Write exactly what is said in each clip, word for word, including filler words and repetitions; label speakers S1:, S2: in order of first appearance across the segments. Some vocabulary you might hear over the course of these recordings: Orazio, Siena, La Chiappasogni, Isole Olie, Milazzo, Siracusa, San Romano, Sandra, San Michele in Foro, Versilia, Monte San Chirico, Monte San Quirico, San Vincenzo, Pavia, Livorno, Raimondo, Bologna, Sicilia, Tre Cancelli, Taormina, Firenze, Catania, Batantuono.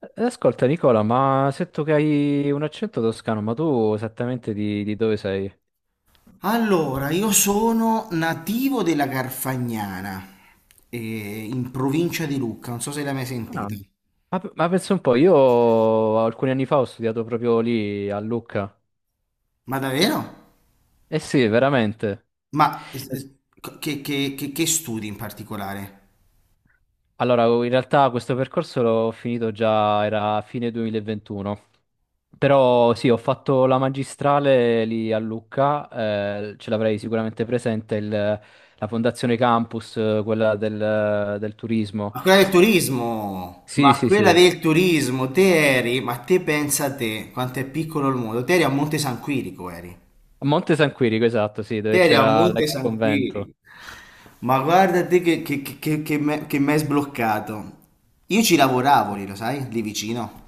S1: Eh, Ascolta Nicola, ma ho sento che hai un accento toscano, ma tu esattamente di, di dove sei?
S2: Allora, io sono nativo della Garfagnana, eh, in provincia di Lucca, non so se l'hai mai
S1: Ah,
S2: sentita.
S1: Ma, p- ma pensa un po', io alcuni anni fa ho studiato proprio lì a Lucca.
S2: Ma davvero?
S1: Eh sì, veramente.
S2: Ma
S1: es-
S2: eh, che, che- che- che studi in particolare?
S1: Allora, in realtà questo percorso l'ho finito già, era a fine duemilaventuno. Però sì, ho fatto la magistrale lì a Lucca, eh, ce l'avrei sicuramente presente, il- la Fondazione Campus, eh, quella del, del turismo.
S2: Ma quella del turismo,
S1: Sì,
S2: ma
S1: sì,
S2: quella
S1: sì.
S2: del turismo, te eri, ma te pensa a te, quanto è piccolo il mondo, te eri a Monte San Quirico, eri.
S1: A Monte San Quirico, esatto, sì,
S2: Te
S1: dove
S2: eri a
S1: c'era
S2: Monte
S1: l'ex
S2: San
S1: convento.
S2: Quirico. Ma guarda te che, che, che, che, che me- che m'hai sbloccato. Io ci lavoravo
S1: Sì.
S2: lì, lo sai, lì vicino.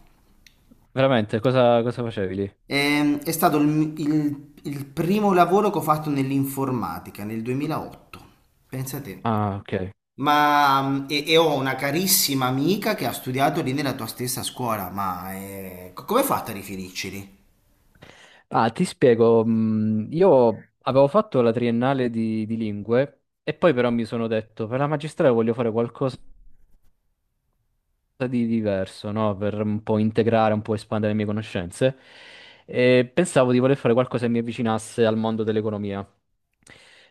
S1: Veramente, cosa, cosa facevi lì?
S2: Ehm, è stato il, il- il primo lavoro che ho fatto nell'informatica nel duemilaotto, pensa te.
S1: Ah, ok.
S2: Ma mm, e, e ho una carissima amica che ha studiato lì nella tua stessa scuola, ma eh, co- come hai fatto a riferirci lì?
S1: Ah, ti spiego. mh, Io avevo fatto la triennale di, di lingue e poi però mi sono detto, per la magistrale voglio fare qualcosa di diverso, no? Per un po' integrare, un po' espandere le mie conoscenze. E pensavo di voler fare qualcosa che mi avvicinasse al mondo dell'economia.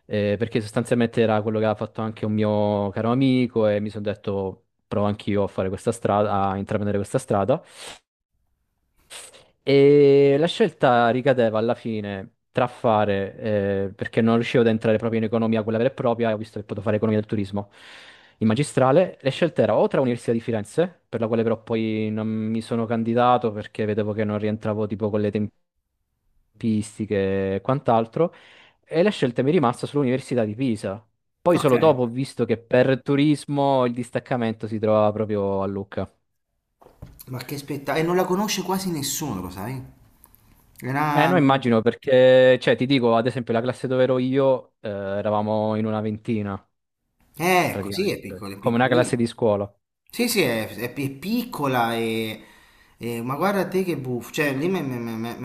S1: Eh, perché sostanzialmente era quello che aveva fatto anche un mio caro amico e mi sono detto provo anch'io a fare questa strada, a intraprendere questa strada. E la scelta ricadeva alla fine tra fare, eh, perché non riuscivo ad entrare proprio in economia, quella vera e propria, e ho visto che potevo fare economia del turismo in magistrale, le scelte erano o tra l'Università di Firenze, per la quale però poi non mi sono candidato perché vedevo che non rientravo tipo con le tempistiche e quant'altro, e la scelta mi è rimasta sull'Università di Pisa. Poi
S2: Ok.
S1: solo dopo ho visto che per turismo il distaccamento si trovava proprio a Lucca.
S2: Ma che spettacolo, e non la conosce quasi nessuno, lo sai? Era...
S1: Eh, no, immagino perché, cioè, ti dico, ad esempio, la classe dove ero io, eh, eravamo in una ventina,
S2: Eh, così è
S1: praticamente,
S2: piccolo, è
S1: come una classe
S2: piccolino.
S1: di scuola.
S2: Sì, sì, è, è pi- è piccola e, e- Ma guarda te che buffo, cioè lì mi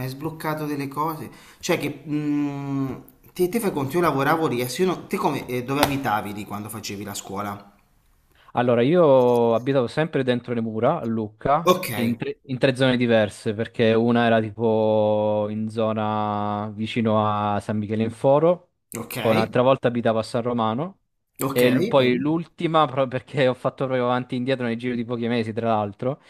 S2: hai sbloccato delle cose, cioè che... mm, te, te fai conto, io lavoravo lì, adesso io non- te come, eh, dove abitavi lì quando facevi la scuola?
S1: Allora, io abitavo sempre dentro le mura a Lucca,
S2: Ok,
S1: in tre, in tre zone diverse, perché una era tipo in zona vicino a San Michele in Foro,
S2: ok,
S1: poi un'altra volta abitavo a San Romano,
S2: ok.
S1: e l-
S2: Eh.
S1: poi l'ultima, pro- perché ho fatto proprio avanti e indietro nel giro di pochi mesi, tra l'altro,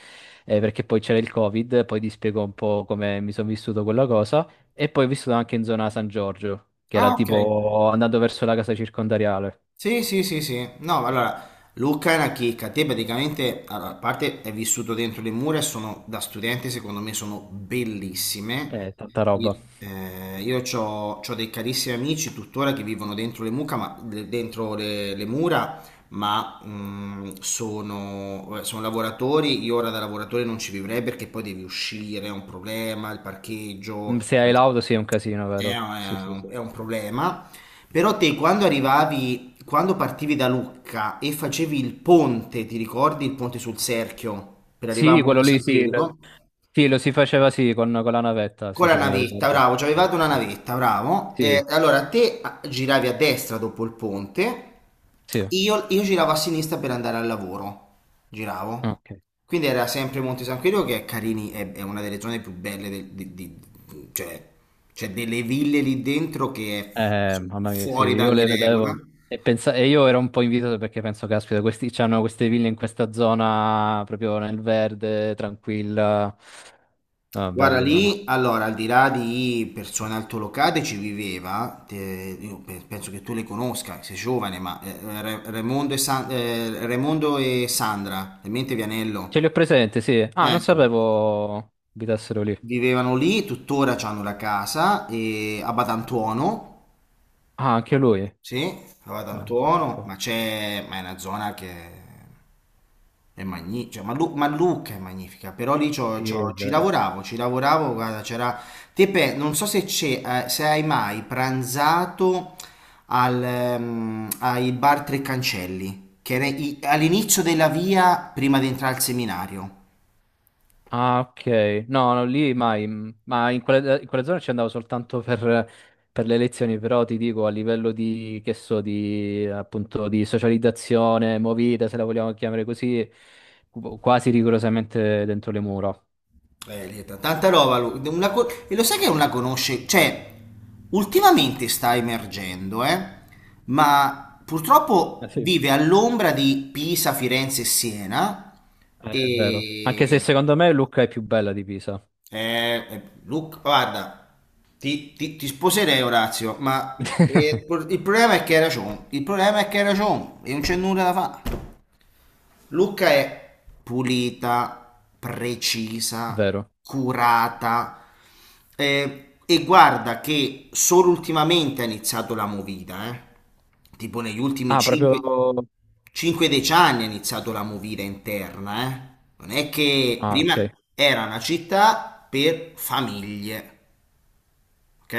S1: eh, perché poi c'era il Covid, poi ti spiego un po' come mi sono vissuto quella cosa, e poi ho vissuto anche in zona San Giorgio, che era
S2: Ah, ok.
S1: tipo andando verso la casa circondariale.
S2: Sì, sì, sì, sì. No, allora, Luca è una chicca. Te praticamente, allora, a parte è vissuto dentro le mura e sono, da studente, secondo me, sono bellissime.
S1: Eh, tanta roba.
S2: I- eh, Io ho dei carissimi amici tuttora che vivono dentro le mucca, ma, de- dentro le, le mura, ma mh, sono, eh, sono lavoratori. Io ora da lavoratore non ci vivrei perché poi devi uscire, è un problema, il
S1: Mm,
S2: parcheggio,
S1: se hai l'auto sì, è un casino,
S2: è
S1: vero? Sì, sì,
S2: un
S1: sì.
S2: è un problema. Però te quando arrivavi, quando partivi da Lucca e facevi il ponte, ti ricordi il ponte sul Serchio per arrivare a
S1: Sì, quello
S2: Monte
S1: lì
S2: San
S1: sì. l-
S2: Chirico?
S1: Sì, lo si faceva sì, con, con la navetta,
S2: Con
S1: sì,
S2: la
S1: sì, me lo
S2: navetta,
S1: ricordo.
S2: bravo, ci avevate una navetta, bravo. Eh,
S1: Sì,
S2: allora te ah, giravi a destra dopo il ponte,
S1: sì,
S2: io, io giravo a sinistra per andare al lavoro, giravo.
S1: ok.
S2: Quindi era sempre Monte San Chirico che è carini, è, è una delle zone più belle, del- di- di- cioè c'è delle ville lì dentro che è
S1: Eh,
S2: fu-
S1: mamma mia, sì,
S2: fuori da
S1: io
S2: ogni
S1: le
S2: regola.
S1: vedevo e, pensa- e io ero un po' invidioso perché penso, caspita, questi c'hanno queste ville in questa zona proprio nel verde, tranquilla. Ah,
S2: Guarda
S1: bello, bello.
S2: lì, allora, al di là di persone altolocate ci viveva, te- io pe- penso che tu le conosca, sei giovane, ma eh, Re- Raimondo e, San- eh, Raimondo e Sandra, in mente
S1: Ce li ho
S2: Vianello,
S1: presente, sì. Ah, non
S2: ecco,
S1: sapevo abitassero lì.
S2: vivevano lì, tuttora hanno la casa eh, a Batantuono.
S1: Ah, anche lui.
S2: Sì, va ad
S1: Ah, pensa un
S2: Antuono,
S1: po'.
S2: ma c'è, ma è una zona che è magnifica, ma, Lu- ma Lucca è magnifica, però lì c'ho-
S1: Sì, è
S2: c'ho- ci
S1: vero.
S2: lavoravo, ci lavoravo, guarda, c'era, Tepe, non so se c'è, eh, se hai mai pranzato al, ehm, ai bar Tre Cancelli, che era i- all'inizio della via prima di entrare al seminario.
S1: Ah, ok. No, no, lì mai. mm, Ma in quella, in quella zona ci andavo soltanto per, per le lezioni, però ti dico, a livello di, che so, di, appunto, di socializzazione, movida, se la vogliamo chiamare così, qu- quasi rigorosamente dentro le mura.
S2: Eh, lì è t- tanta roba. Lui. Una co- e lo sai che non la conosce? Cioè, ultimamente sta emergendo, eh? Ma
S1: Eh
S2: purtroppo
S1: sì.
S2: vive all'ombra di Pisa, Firenze e Siena.
S1: Eh, è vero. Anche se
S2: E...
S1: secondo me Lucca è più bella di Pisa.
S2: Eh, eh, Luca, guarda, ti, ti- ti sposerei, Orazio, ma eh, il problema è che hai ragione. Il problema è che hai ragione e non c'è nulla da fare. Luca è pulita,
S1: È
S2: precisa,
S1: vero.
S2: curata, eh, e guarda che solo ultimamente ha iniziato la movida, eh. Tipo negli ultimi
S1: Ah, proprio...
S2: cinque a dieci anni ha iniziato la movida interna, eh. Non è che
S1: Ah,
S2: prima
S1: ok.
S2: era una città per famiglie, ok?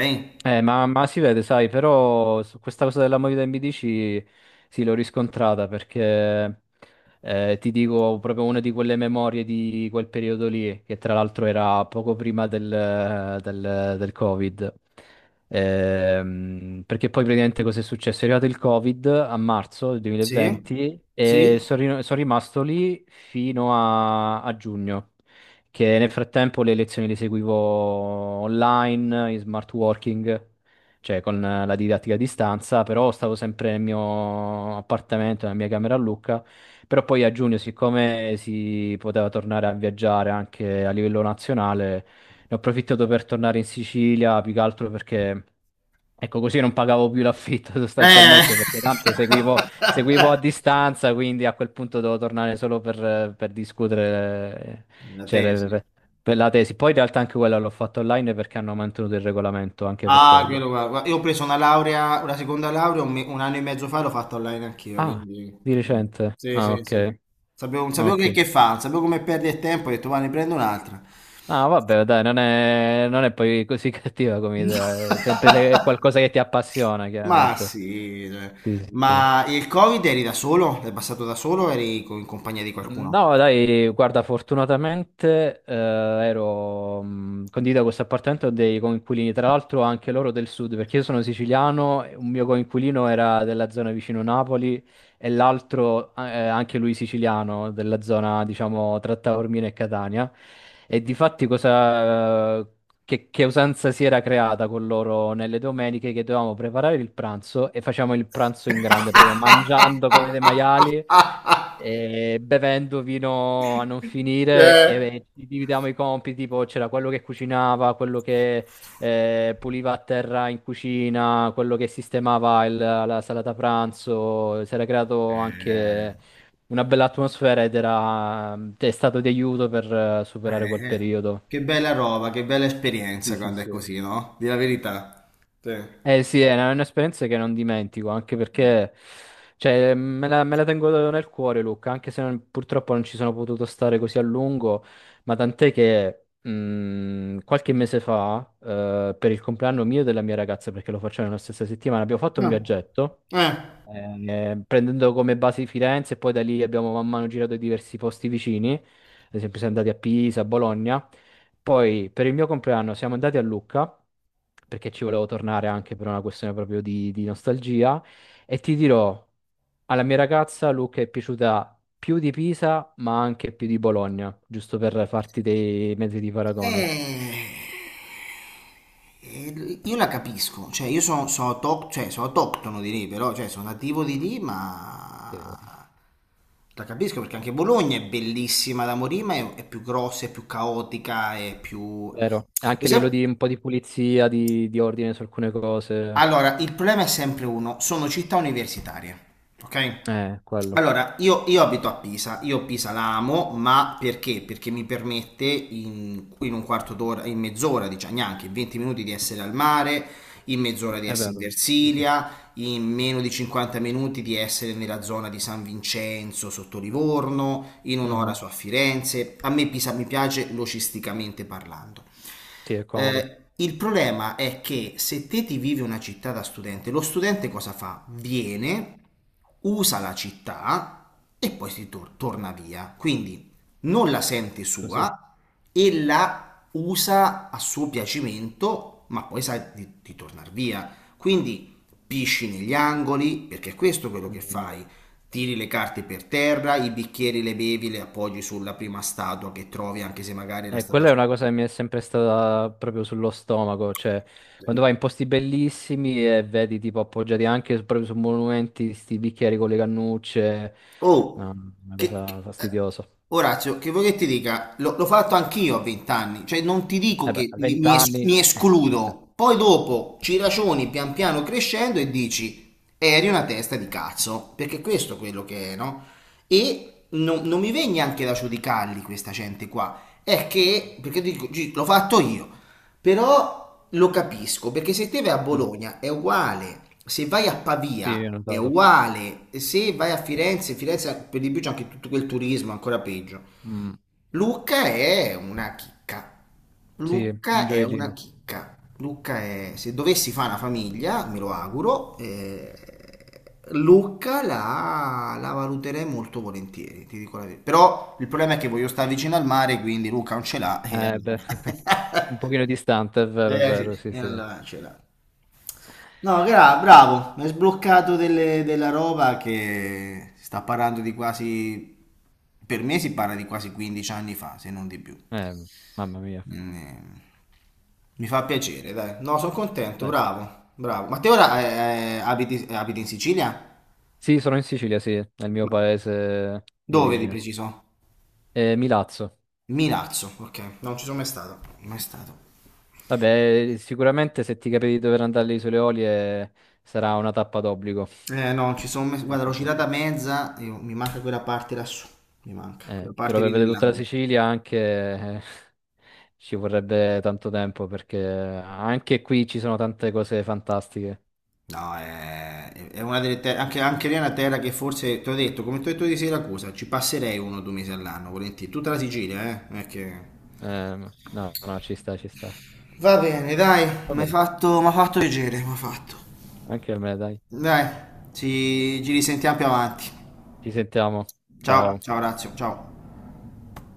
S1: Eh, ma, ma si vede, sai, però su questa cosa della movida M B D C sì, l'ho riscontrata perché eh, ti dico proprio una di quelle memorie di quel periodo lì, che tra l'altro era poco prima del, del- del Covid. Ehm, perché poi praticamente cosa è successo? È arrivato il Covid a marzo del
S2: Sì,
S1: duemilaventi
S2: sì.
S1: e sono ri- sono rimasto lì fino a a giugno che nel frattempo le lezioni le seguivo online, in smart working, cioè con eh, la didattica a distanza, però stavo sempre nel mio appartamento, nella mia camera a Lucca. Però poi a giugno, siccome si poteva tornare a viaggiare anche a livello nazionale, ne ho approfittato per tornare in Sicilia, più che altro perché ecco, così non pagavo più l'affitto
S2: Eh.
S1: sostanzialmente perché tanto seguivo, seguivo a distanza, quindi a quel punto dovevo tornare solo per, per discutere, eh,
S2: Una
S1: cioè, le-
S2: tesi.
S1: per, per la tesi. Poi in realtà anche quella l'ho fatta online perché hanno mantenuto il regolamento anche per
S2: Ah,
S1: quello.
S2: quello qua. Guarda, io ho preso una laurea, una seconda laurea un, me- un anno e mezzo fa, l'ho fatta online anch'io,
S1: Ah,
S2: quindi...
S1: di recente.
S2: Sì,
S1: Ah,
S2: sì,
S1: ok,
S2: sì. Sapevo, non sapevo
S1: ok.
S2: che, che fa, non sapevo come perdere tempo, ho detto, va, ne prendo un'altra.
S1: Ah, vabbè, dai, non è, non è poi così cattiva come idea. È sempre se è qualcosa che ti appassiona,
S2: Ma
S1: chiaramente.
S2: sì, cioè.
S1: Sì, sì, sì.
S2: Ma il Covid eri da solo? L'hai passato da solo o eri co- in compagnia di qualcuno?
S1: No, dai, guarda, fortunatamente eh, ero mh, condivido questo appartamento dei coinquilini, tra l'altro anche loro del sud, perché io sono siciliano, e un mio coinquilino era della zona vicino Napoli e l'altro eh, anche lui siciliano, della zona, diciamo, tra Taormina e Catania. E difatti cosa, eh, che, che usanza si era creata con loro nelle domeniche che dovevamo preparare il pranzo e facciamo il pranzo in grande, proprio mangiando come dei maiali eh, bevendo vino a non finire e,
S2: Eh.
S1: e ci dividiamo i compiti, tipo c'era quello che cucinava, quello che eh, puliva a terra in cucina, quello che sistemava il- la salata pranzo, si era creato anche una bella atmosfera ed era, è stato di aiuto per eh, superare quel
S2: Eh, eh.
S1: periodo.
S2: Che bella roba, che bella
S1: Sì,
S2: esperienza
S1: sì,
S2: quando è
S1: sì.
S2: così, no? Di la verità. Sì.
S1: Eh sì, è una- è un'esperienza che non dimentico, anche perché cioè, me la, me la tengo nel cuore, Luca, anche se non- purtroppo non ci sono potuto stare così a lungo, ma tant'è che mh, qualche mese fa, eh, per il compleanno mio e della mia ragazza, perché lo facciamo nella stessa settimana, abbiamo fatto un
S2: No.
S1: viaggetto
S2: Eh.
S1: eh, prendendo come base Firenze e poi da lì abbiamo man mano girato diversi posti vicini, ad esempio siamo andati a Pisa, a Bologna, poi per il mio compleanno siamo andati a Lucca, perché ci volevo tornare anche per una questione proprio di, di nostalgia, e ti dirò, alla mia ragazza Lucca è piaciuta più di Pisa, ma anche più di Bologna, giusto per farti dei mezzi di paragone.
S2: Eh, eh, io la capisco, cioè io sono, sono, auto- cioè, sono autoctono di lì, però cioè, sono nativo di lì,
S1: Sì.
S2: ma la capisco perché anche Bologna è bellissima da morire, ma è, è più grossa, è più caotica, è più...
S1: Vero, anche
S2: Lo
S1: a livello
S2: sai-
S1: di un po' di pulizia, di, di ordine su alcune cose,
S2: Allora, il problema è sempre uno, sono città universitarie, ok?
S1: eh, quello.
S2: Allora, io, io abito a Pisa, io Pisa la amo, ma perché? Perché mi permette in, in un quarto d'ora, in mezz'ora, diciamo neanche, in venti minuti di essere al mare, in mezz'ora di
S1: È
S2: essere in
S1: vero, sì, sì.
S2: Versilia, in meno di cinquanta minuti di essere nella zona di San Vincenzo, sotto Livorno, in un'ora
S1: Mhm.
S2: su a Firenze. A me Pisa mi piace logisticamente parlando.
S1: Sì, è comodo.
S2: Eh, il problema è che se te ti vivi una città da studente, lo studente cosa fa? Viene, usa la città e poi si tor- torna via. Quindi non la sente
S1: Così.
S2: sua e la usa a suo piacimento, ma poi sa di, di tornare via. Quindi pisci negli angoli, perché è questo quello che
S1: Mm.
S2: fai. Tiri le carte per terra, i bicchieri le bevi, le appoggi sulla prima statua che trovi, anche se magari era
S1: E
S2: stata.
S1: quella è una cosa che mi è sempre stata proprio sullo stomaco, cioè quando vai in posti bellissimi e vedi tipo appoggiati anche su- proprio su monumenti, sti bicchieri con le cannucce,
S2: Oh,
S1: no, una
S2: che, che-
S1: cosa
S2: eh,
S1: fastidiosa.
S2: Orazio, che vuoi che ti dica? Lo- L'ho fatto anch'io a vent'anni, cioè non ti dico
S1: E beh,
S2: che
S1: a
S2: mi, mi es-
S1: vent'anni,
S2: mi
S1: eh, ci sta.
S2: escludo, poi dopo ci ragioni pian piano crescendo e dici, eri una testa di cazzo, perché questo è quello che è, no? E non, non mi viene neanche da giudicarli questa gente qua. È che, perché dico, "Gi- l'ho fatto io, però lo capisco, perché se te vai a
S1: Mm.
S2: Bologna è uguale, se vai a
S1: Sì, ho
S2: Pavia è
S1: notato.
S2: uguale, se vai a Firenze, Firenze per di più c'è anche tutto quel turismo, ancora peggio.
S1: Mm.
S2: Lucca è una chicca.
S1: Sì, un
S2: Lucca è una
S1: gioiellino.
S2: chicca. Lucca è, se dovessi fare una famiglia, me lo auguro, eh, Lucca la, la valuterei molto volentieri, ti dico la verità. Però il problema è che voglio stare vicino al mare, quindi Lucca non ce l'ha e
S1: Eh beh, un
S2: allora...
S1: pochino distante, è vero, è
S2: eh
S1: vero,
S2: sì,
S1: sì,
S2: e
S1: sì. Eh,
S2: allora ce l'ha. No, gra- bravo, mi hai sbloccato delle- della roba che si sta parlando di quasi, per me si parla di quasi quindici anni fa, se non di più.
S1: mamma mia.
S2: Eh, Mi fa piacere, dai. No, sono contento,
S1: Dai.
S2: bravo, bravo. Ma te ora eh, eh, abiti, abiti in Sicilia?
S1: Sì, sono in Sicilia, sì, nel mio
S2: Ma
S1: paese di
S2: dove di
S1: origine.
S2: preciso?
S1: Eh, Milazzo.
S2: Milazzo, ok. No, non ci sono mai stato. Mai stato.
S1: Vabbè, sicuramente se ti capiti di dover andare alle Isole Olie sarà una tappa d'obbligo.
S2: Eh no, ci sono mai...
S1: Sì,
S2: Guarda, l'ho
S1: sì, sì, sì.
S2: girata mezza, io- mi manca quella parte lassù. Mi manca,
S1: Eh,
S2: quella parte
S1: però per
S2: lì
S1: vedere tutta la
S2: nell'angolo.
S1: Sicilia anche eh, ci vorrebbe tanto tempo perché anche qui ci sono tante cose fantastiche.
S2: No, è, è una delle terre, anche, anche lì è una terra che forse, ti ho detto, come ti ho detto di Siracusa, ci passerei uno o due mesi all'anno, volentieri. Tutta la Sicilia, eh? Non è che...
S1: Ehm, no, no, ci sta, ci sta.
S2: Va bene, dai,
S1: Va
S2: mi hai
S1: bene.
S2: fatto, m'ha fatto piacere, mi ha fatto.
S1: Anche a me, dai.
S2: Dai, ci, ci risentiamo più avanti.
S1: Ci sentiamo.
S2: Ciao,
S1: Ciao.
S2: ciao Razio, ciao.